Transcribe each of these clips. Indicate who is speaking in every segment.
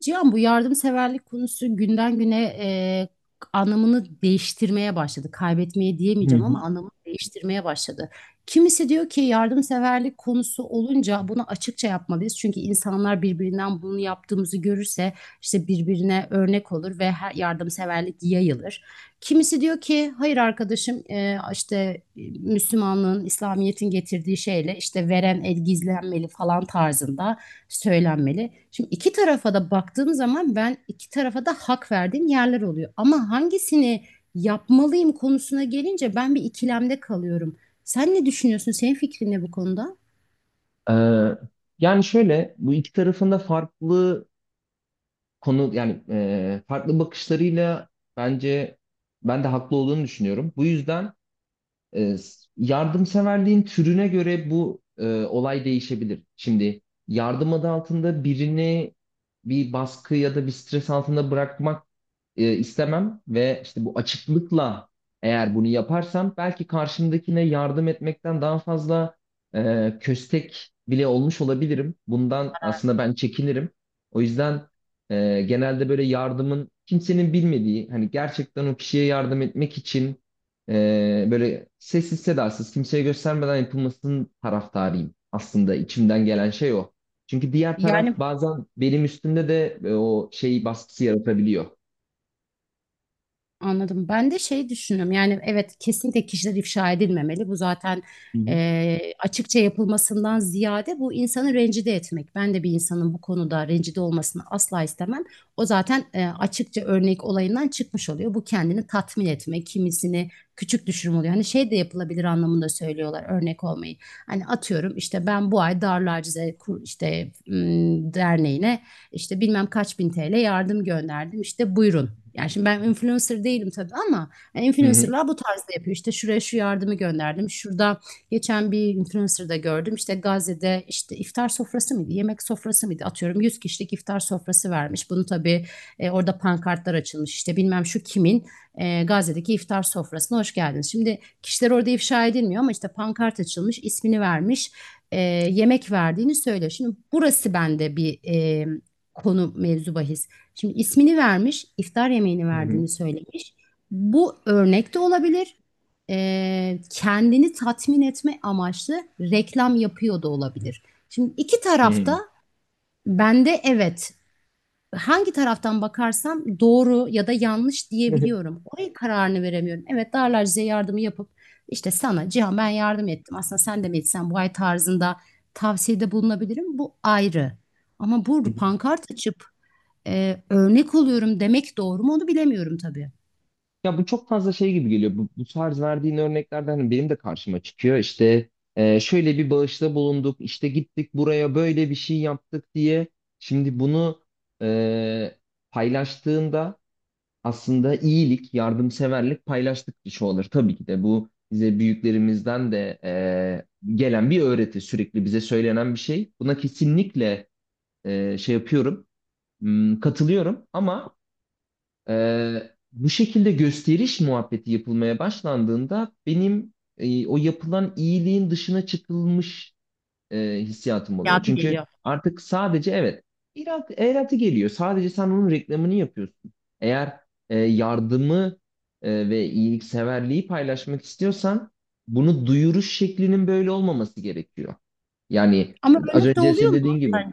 Speaker 1: Cihan bu yardımseverlik konusu günden güne anlamını değiştirmeye başladı. Kaybetmeye
Speaker 2: Hı
Speaker 1: diyemeyeceğim
Speaker 2: hı.
Speaker 1: ama anlamını değiştirmeye başladı. Kimisi diyor ki yardımseverlik konusu olunca bunu açıkça yapmalıyız. Çünkü insanlar birbirinden bunu yaptığımızı görürse işte birbirine örnek olur ve her yardımseverlik yayılır. Kimisi diyor ki hayır arkadaşım işte Müslümanlığın, İslamiyet'in getirdiği şeyle işte veren el gizlenmeli falan tarzında söylenmeli. Şimdi iki tarafa da baktığım zaman ben iki tarafa da hak verdiğim yerler oluyor. Ama hangisini yapmalıyım konusuna gelince ben bir ikilemde kalıyorum. Sen ne düşünüyorsun? Senin fikrin ne bu konuda?
Speaker 2: Ee, yani şöyle bu iki tarafında farklı konu yani farklı bakışlarıyla bence ben de haklı olduğunu düşünüyorum. Bu yüzden yardımseverliğin türüne göre bu olay değişebilir. Şimdi yardım adı altında birini bir baskı ya da bir stres altında bırakmak istemem ve işte bu açıklıkla eğer bunu yaparsam belki karşımdakine yardım etmekten daha fazla köstek bile olmuş olabilirim. Bundan aslında ben çekinirim. O yüzden genelde böyle yardımın kimsenin bilmediği hani gerçekten o kişiye yardım etmek için böyle sessiz sedasız kimseye göstermeden yapılmasının taraftarıyım. Aslında içimden gelen şey o. Çünkü diğer taraf
Speaker 1: Yani
Speaker 2: bazen benim üstümde de o şey baskısı yaratabiliyor.
Speaker 1: anladım. Ben de şey düşünüyorum. Yani evet, kesinlikle kişiler ifşa edilmemeli. Bu zaten açıkça yapılmasından ziyade bu insanı rencide etmek. Ben de bir insanın bu konuda rencide olmasını asla istemem. O zaten açıkça örnek olayından çıkmış oluyor. Bu kendini tatmin etme, kimisini küçük düşürme oluyor. Hani şey de yapılabilir anlamında söylüyorlar örnek olmayı. Hani atıyorum işte ben bu ay Darül Acize derneğine işte bilmem kaç bin TL yardım gönderdim, işte buyurun. Yani şimdi ben influencer değilim tabii ama yani
Speaker 2: Hı hı.
Speaker 1: influencerlar bu tarzda yapıyor. İşte şuraya şu yardımı gönderdim. Şurada geçen bir influencer'da gördüm. İşte Gazze'de işte iftar sofrası mıydı? Yemek sofrası mıydı? Atıyorum 100 kişilik iftar sofrası vermiş. Bunu tabii orada pankartlar açılmış. İşte bilmem şu kimin Gazze'deki iftar sofrasına hoş geldiniz. Şimdi kişiler orada ifşa edilmiyor ama işte pankart açılmış, ismini vermiş, e, yemek verdiğini söylüyor. Şimdi burası bende bir konu mevzu bahis. Şimdi ismini vermiş, iftar yemeğini
Speaker 2: Hı hı.
Speaker 1: verdiğini söylemiş. Bu örnek de olabilir. Kendini tatmin etme amaçlı reklam yapıyor da olabilir. Şimdi iki
Speaker 2: Hı hı.
Speaker 1: tarafta bende evet, hangi taraftan bakarsam doğru ya da yanlış diyebiliyorum. Oraya kararını veremiyorum. Evet, Darlar size yardımı yapıp işte sana Cihan ben yardım ettim. Aslında sen de mi etsen bu ay tarzında tavsiyede bulunabilirim. Bu ayrı. Ama bu
Speaker 2: Hı hı.
Speaker 1: pankart açıp örnek oluyorum demek doğru mu onu bilemiyorum tabii.
Speaker 2: Ya bu çok fazla şey gibi geliyor. Bu tarz verdiğin örneklerden hani benim de karşıma çıkıyor. İşte şöyle bir bağışta bulunduk, işte gittik buraya böyle bir şey yaptık diye. Şimdi bunu e, paylaştığında aslında iyilik, yardımseverlik paylaştıkça olur. Tabii ki de bu bize büyüklerimizden de gelen bir öğreti, sürekli bize söylenen bir şey. Buna kesinlikle şey yapıyorum, katılıyorum ama bu şekilde gösteriş muhabbeti yapılmaya başlandığında benim o yapılan iyiliğin dışına çıkılmış hissiyatım oluyor.
Speaker 1: Hayatı
Speaker 2: Çünkü
Speaker 1: geliyor.
Speaker 2: artık sadece evet eratı geliyor. Sadece sen onun reklamını yapıyorsun. Eğer yardımı ve iyilikseverliği paylaşmak istiyorsan bunu duyuruş şeklinin böyle olmaması gerekiyor. Yani
Speaker 1: Ama
Speaker 2: az
Speaker 1: örnek de
Speaker 2: önce
Speaker 1: oluyor
Speaker 2: senin
Speaker 1: mu?
Speaker 2: dediğin gibi.
Speaker 1: Bence.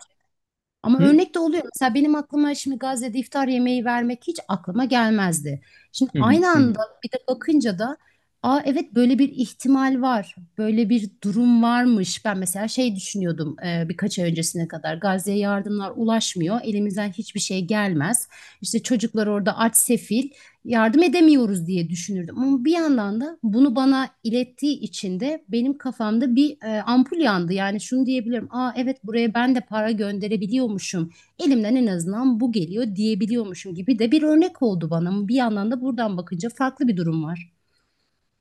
Speaker 1: Ama
Speaker 2: Hı?
Speaker 1: örnek de oluyor. Mesela benim aklıma şimdi Gazze'de iftar yemeği vermek hiç aklıma gelmezdi. Şimdi
Speaker 2: Hı
Speaker 1: aynı
Speaker 2: hı hı.
Speaker 1: anda bir de bakınca da aa evet, böyle bir ihtimal var. Böyle bir durum varmış. Ben mesela şey düşünüyordum birkaç ay öncesine kadar. Gazze'ye yardımlar ulaşmıyor. Elimizden hiçbir şey gelmez. İşte çocuklar orada aç sefil, yardım edemiyoruz diye düşünürdüm. Ama bir yandan da bunu bana ilettiği için de benim kafamda bir ampul yandı. Yani şunu diyebilirim. Aa evet, buraya ben de para gönderebiliyormuşum. Elimden en azından bu geliyor diyebiliyormuşum gibi de bir örnek oldu bana. Ama bir yandan da buradan bakınca farklı bir durum var.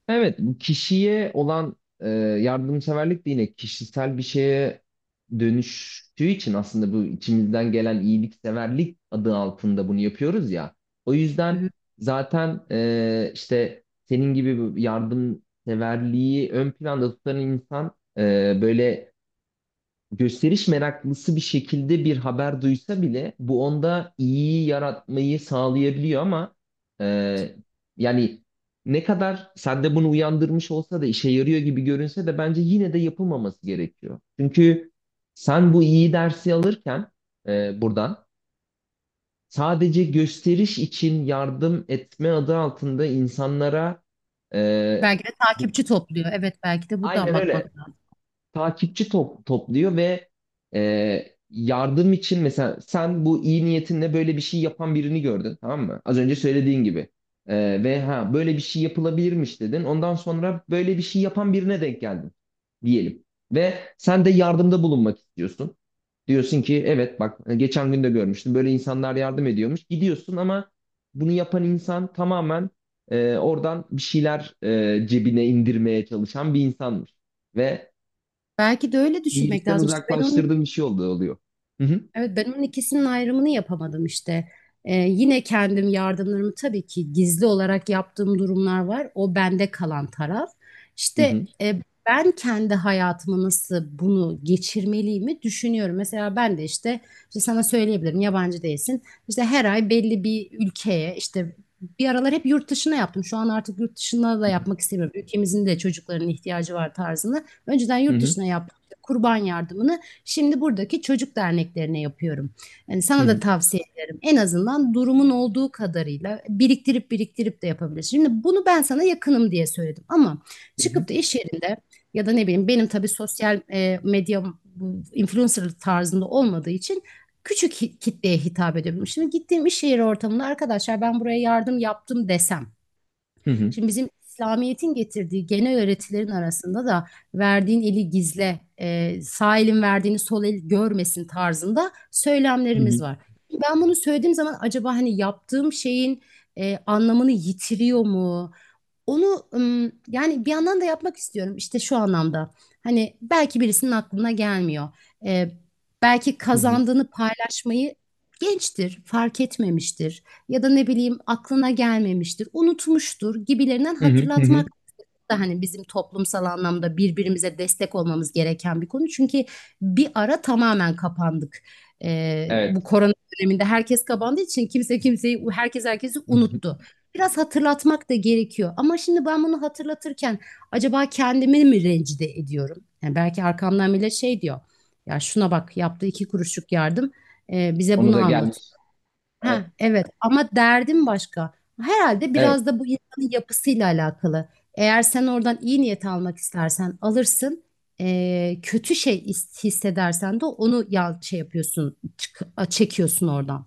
Speaker 2: Evet, bu kişiye olan yardımseverlik de yine kişisel bir şeye dönüştüğü için aslında bu içimizden gelen iyilikseverlik adı altında bunu yapıyoruz ya. O
Speaker 1: Hı hı.
Speaker 2: yüzden zaten işte senin gibi bu yardımseverliği ön planda tutan insan böyle gösteriş meraklısı bir şekilde bir haber duysa bile bu onda iyi yaratmayı sağlayabiliyor ama e, yani ne kadar sende bunu uyandırmış olsa da işe yarıyor gibi görünse de bence yine de yapılmaması gerekiyor. Çünkü sen bu iyi dersi alırken buradan sadece gösteriş için yardım etme adı altında insanlara e,
Speaker 1: Belki de takipçi topluyor. Evet, belki de buradan
Speaker 2: aynen öyle
Speaker 1: bakmak lazım.
Speaker 2: takipçi topluyor ve yardım için mesela sen bu iyi niyetinle böyle bir şey yapan birini gördün, tamam mı? Az önce söylediğin gibi. E, ve ha böyle bir şey yapılabilirmiş dedin. Ondan sonra böyle bir şey yapan birine denk geldin diyelim. Ve sen de yardımda bulunmak istiyorsun. Diyorsun ki evet, bak geçen gün de görmüştüm, böyle insanlar yardım ediyormuş. Gidiyorsun ama bunu yapan insan tamamen oradan bir şeyler cebine indirmeye çalışan bir insanmış. Ve
Speaker 1: Belki de öyle düşünmek
Speaker 2: iyilikten
Speaker 1: lazım. İşte ben onun.
Speaker 2: uzaklaştırdığım bir şey oldu oluyor. Hı hı.
Speaker 1: Evet, ben onun ikisinin ayrımını yapamadım işte. Yine kendim yardımlarımı tabii ki gizli olarak yaptığım durumlar var. O bende kalan taraf.
Speaker 2: Hı
Speaker 1: İşte
Speaker 2: hı.
Speaker 1: ben kendi hayatıma nasıl bunu geçirmeliyimi düşünüyorum. Mesela ben de işte, işte sana söyleyebilirim, yabancı değilsin. İşte her ay belli bir ülkeye işte bir aralar hep yurt dışına yaptım. Şu an artık yurt dışına da yapmak istemiyorum. Ülkemizin de çocukların ihtiyacı var tarzını. Önceden
Speaker 2: Hı
Speaker 1: yurt
Speaker 2: hı.
Speaker 1: dışına yaptım. İşte Kurban yardımını şimdi buradaki çocuk derneklerine yapıyorum. Yani
Speaker 2: Hı
Speaker 1: sana da
Speaker 2: hı.
Speaker 1: tavsiye ederim. En azından durumun olduğu kadarıyla biriktirip biriktirip de yapabilirsin. Şimdi bunu ben sana yakınım diye söyledim ama
Speaker 2: Hı hı.
Speaker 1: çıkıp da iş yerinde ya da ne bileyim, benim tabii sosyal medya bu influencer tarzında olmadığı için küçük kitleye hitap ediyorum. Şimdi gittiğim iş yeri ortamında arkadaşlar ben buraya yardım yaptım desem,
Speaker 2: Hı hı.
Speaker 1: şimdi bizim İslamiyet'in getirdiği genel öğretilerin arasında da verdiğin eli gizle, sağ elin verdiğini sol el görmesin tarzında
Speaker 2: Hı
Speaker 1: söylemlerimiz
Speaker 2: hı.
Speaker 1: var. Ben bunu söylediğim zaman acaba hani yaptığım şeyin anlamını yitiriyor mu? Onu yani bir yandan da yapmak istiyorum işte şu anlamda. Hani belki birisinin aklına gelmiyor. Ee, belki
Speaker 2: Hı hı.
Speaker 1: kazandığını paylaşmayı gençtir, fark etmemiştir ya da ne bileyim, aklına gelmemiştir, unutmuştur gibilerinden
Speaker 2: Hı hı. Hı hı.
Speaker 1: hatırlatmak da hani bizim toplumsal anlamda birbirimize destek olmamız gereken bir konu. Çünkü bir ara tamamen kapandık. Bu
Speaker 2: Evet.
Speaker 1: korona döneminde herkes kapandığı için kimse kimseyi, herkes herkesi
Speaker 2: Hı hı.
Speaker 1: unuttu. Biraz hatırlatmak da gerekiyor. Ama şimdi ben bunu hatırlatırken acaba kendimi mi rencide ediyorum? Yani belki arkamdan bile şey diyor. Ya şuna bak, yaptığı iki kuruşluk yardım bize
Speaker 2: Onu
Speaker 1: bunu
Speaker 2: da
Speaker 1: anlatıyor.
Speaker 2: gelmiş.
Speaker 1: Ha,
Speaker 2: E,
Speaker 1: evet, ama derdim başka. Herhalde
Speaker 2: Evet.
Speaker 1: biraz da bu insanın yapısıyla alakalı. Eğer sen oradan iyi niyet almak istersen alırsın. Kötü şey hissedersen de onu ya şey yapıyorsun, çekiyorsun oradan.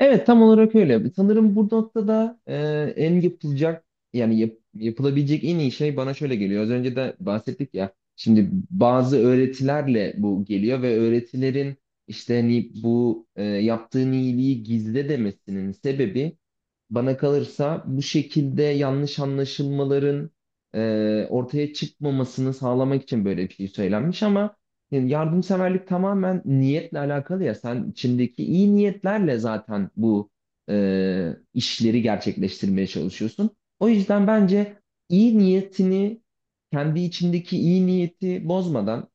Speaker 2: Evet, tam olarak öyle. Sanırım bu noktada en yapılacak yani yapılabilecek en iyi şey bana şöyle geliyor. Az önce de bahsettik ya. Şimdi bazı öğretilerle bu geliyor ve öğretilerin işte hani bu yaptığın iyiliği gizle demesinin sebebi, bana kalırsa, bu şekilde yanlış anlaşılmaların ortaya çıkmamasını sağlamak için böyle bir şey söylenmiş ama yani yardımseverlik tamamen niyetle alakalı ya. Sen içindeki iyi niyetlerle zaten bu işleri gerçekleştirmeye çalışıyorsun. O yüzden bence iyi niyetini, kendi içindeki iyi niyeti bozmadan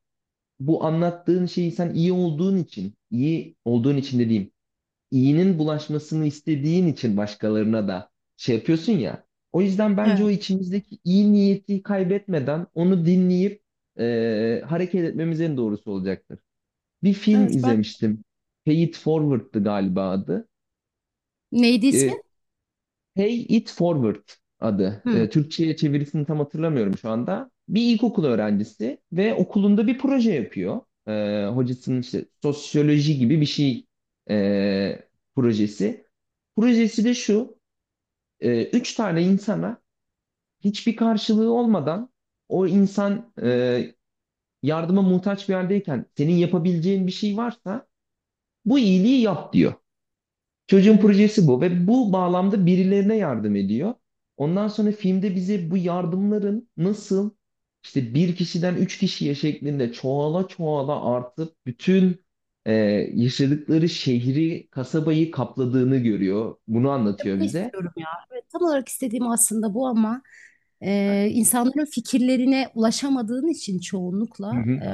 Speaker 2: bu anlattığın şeyi sen iyi olduğun için dediğim iyinin bulaşmasını istediğin için başkalarına da şey yapıyorsun ya. O yüzden bence o
Speaker 1: Evet,
Speaker 2: içimizdeki iyi niyeti kaybetmeden onu dinleyip hareket etmemiz en doğrusu olacaktır. Bir film
Speaker 1: evet ben.
Speaker 2: izlemiştim. Pay It Forward'dı galiba adı.
Speaker 1: Neydi ismi?
Speaker 2: E, Pay It Forward adı.
Speaker 1: Hı.
Speaker 2: Türkçe'ye çevirisini tam hatırlamıyorum şu anda. Bir ilkokul öğrencisi ve okulunda bir proje yapıyor. Hocasının işte sosyoloji gibi bir şey e, projesi. Projesi de şu: üç tane insana hiçbir karşılığı olmadan, o insan yardıma muhtaç bir yerdeyken senin yapabileceğin bir şey varsa bu iyiliği yap diyor.
Speaker 1: Hı
Speaker 2: Çocuğun
Speaker 1: hı.
Speaker 2: projesi bu ve bu bağlamda birilerine yardım ediyor. Ondan sonra filmde bize bu yardımların nasıl, işte bir kişiden üç kişiye şeklinde çoğala çoğala artıp bütün e, yaşadıkları şehri, kasabayı kapladığını görüyor. Bunu anlatıyor
Speaker 1: Bunu
Speaker 2: bize.
Speaker 1: istiyorum ya. Evet, tam olarak istediğim aslında bu ama insanların fikirlerine ulaşamadığın için
Speaker 2: Hı
Speaker 1: çoğunlukla
Speaker 2: hı.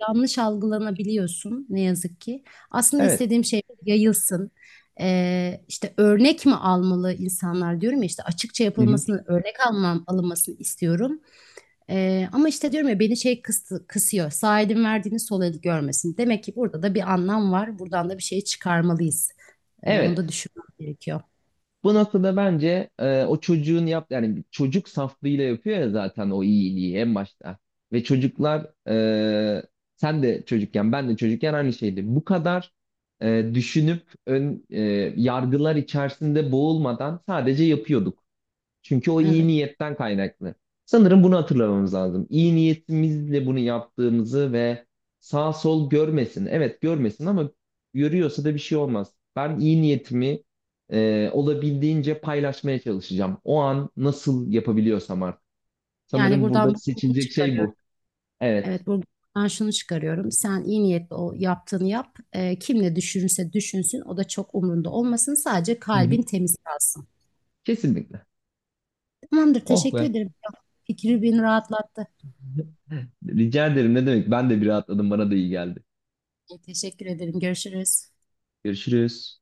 Speaker 1: yanlış algılanabiliyorsun ne yazık ki. Aslında
Speaker 2: Evet.
Speaker 1: istediğim şey yayılsın. İşte örnek mi almalı insanlar diyorum ya, işte açıkça
Speaker 2: Hı hı.
Speaker 1: yapılmasını, örnek alman, alınmasını istiyorum. Ama işte diyorum ya beni şey kısıyor. Sağ elin verdiğini sol el görmesin. Demek ki burada da bir anlam var. Buradan da bir şey çıkarmalıyız. Onu da
Speaker 2: Evet.
Speaker 1: düşünmek gerekiyor.
Speaker 2: Bu noktada bence o çocuğun yani bir çocuk saflığıyla yapıyor ya zaten o iyiliği en başta. Ve çocuklar sen de çocukken ben de çocukken aynı şeydi. Bu kadar düşünüp ön yargılar içerisinde boğulmadan sadece yapıyorduk. Çünkü o iyi
Speaker 1: Evet.
Speaker 2: niyetten kaynaklı. Sanırım bunu hatırlamamız lazım. İyi niyetimizle bunu yaptığımızı ve sağ sol görmesin. Evet, görmesin ama görüyorsa da bir şey olmaz. Ben iyi niyetimi olabildiğince paylaşmaya çalışacağım. O an nasıl yapabiliyorsam artık.
Speaker 1: Yani
Speaker 2: Sanırım burada
Speaker 1: buradan bunu
Speaker 2: seçilecek şey
Speaker 1: çıkarıyorum.
Speaker 2: bu. Evet.
Speaker 1: Evet, buradan şunu çıkarıyorum. Sen iyi niyetli o yaptığını yap. Kim ne düşünürse düşünsün. O da çok umrunda olmasın. Sadece
Speaker 2: Hı hı.
Speaker 1: kalbin temiz kalsın.
Speaker 2: Kesinlikle.
Speaker 1: Tamamdır.
Speaker 2: Oh
Speaker 1: Teşekkür
Speaker 2: be.
Speaker 1: ederim. Fikri beni rahatlattı.
Speaker 2: Rica ederim. Ne demek? Ben de bir rahatladım. Bana da iyi geldi.
Speaker 1: Teşekkür ederim. Görüşürüz.
Speaker 2: Görüşürüz.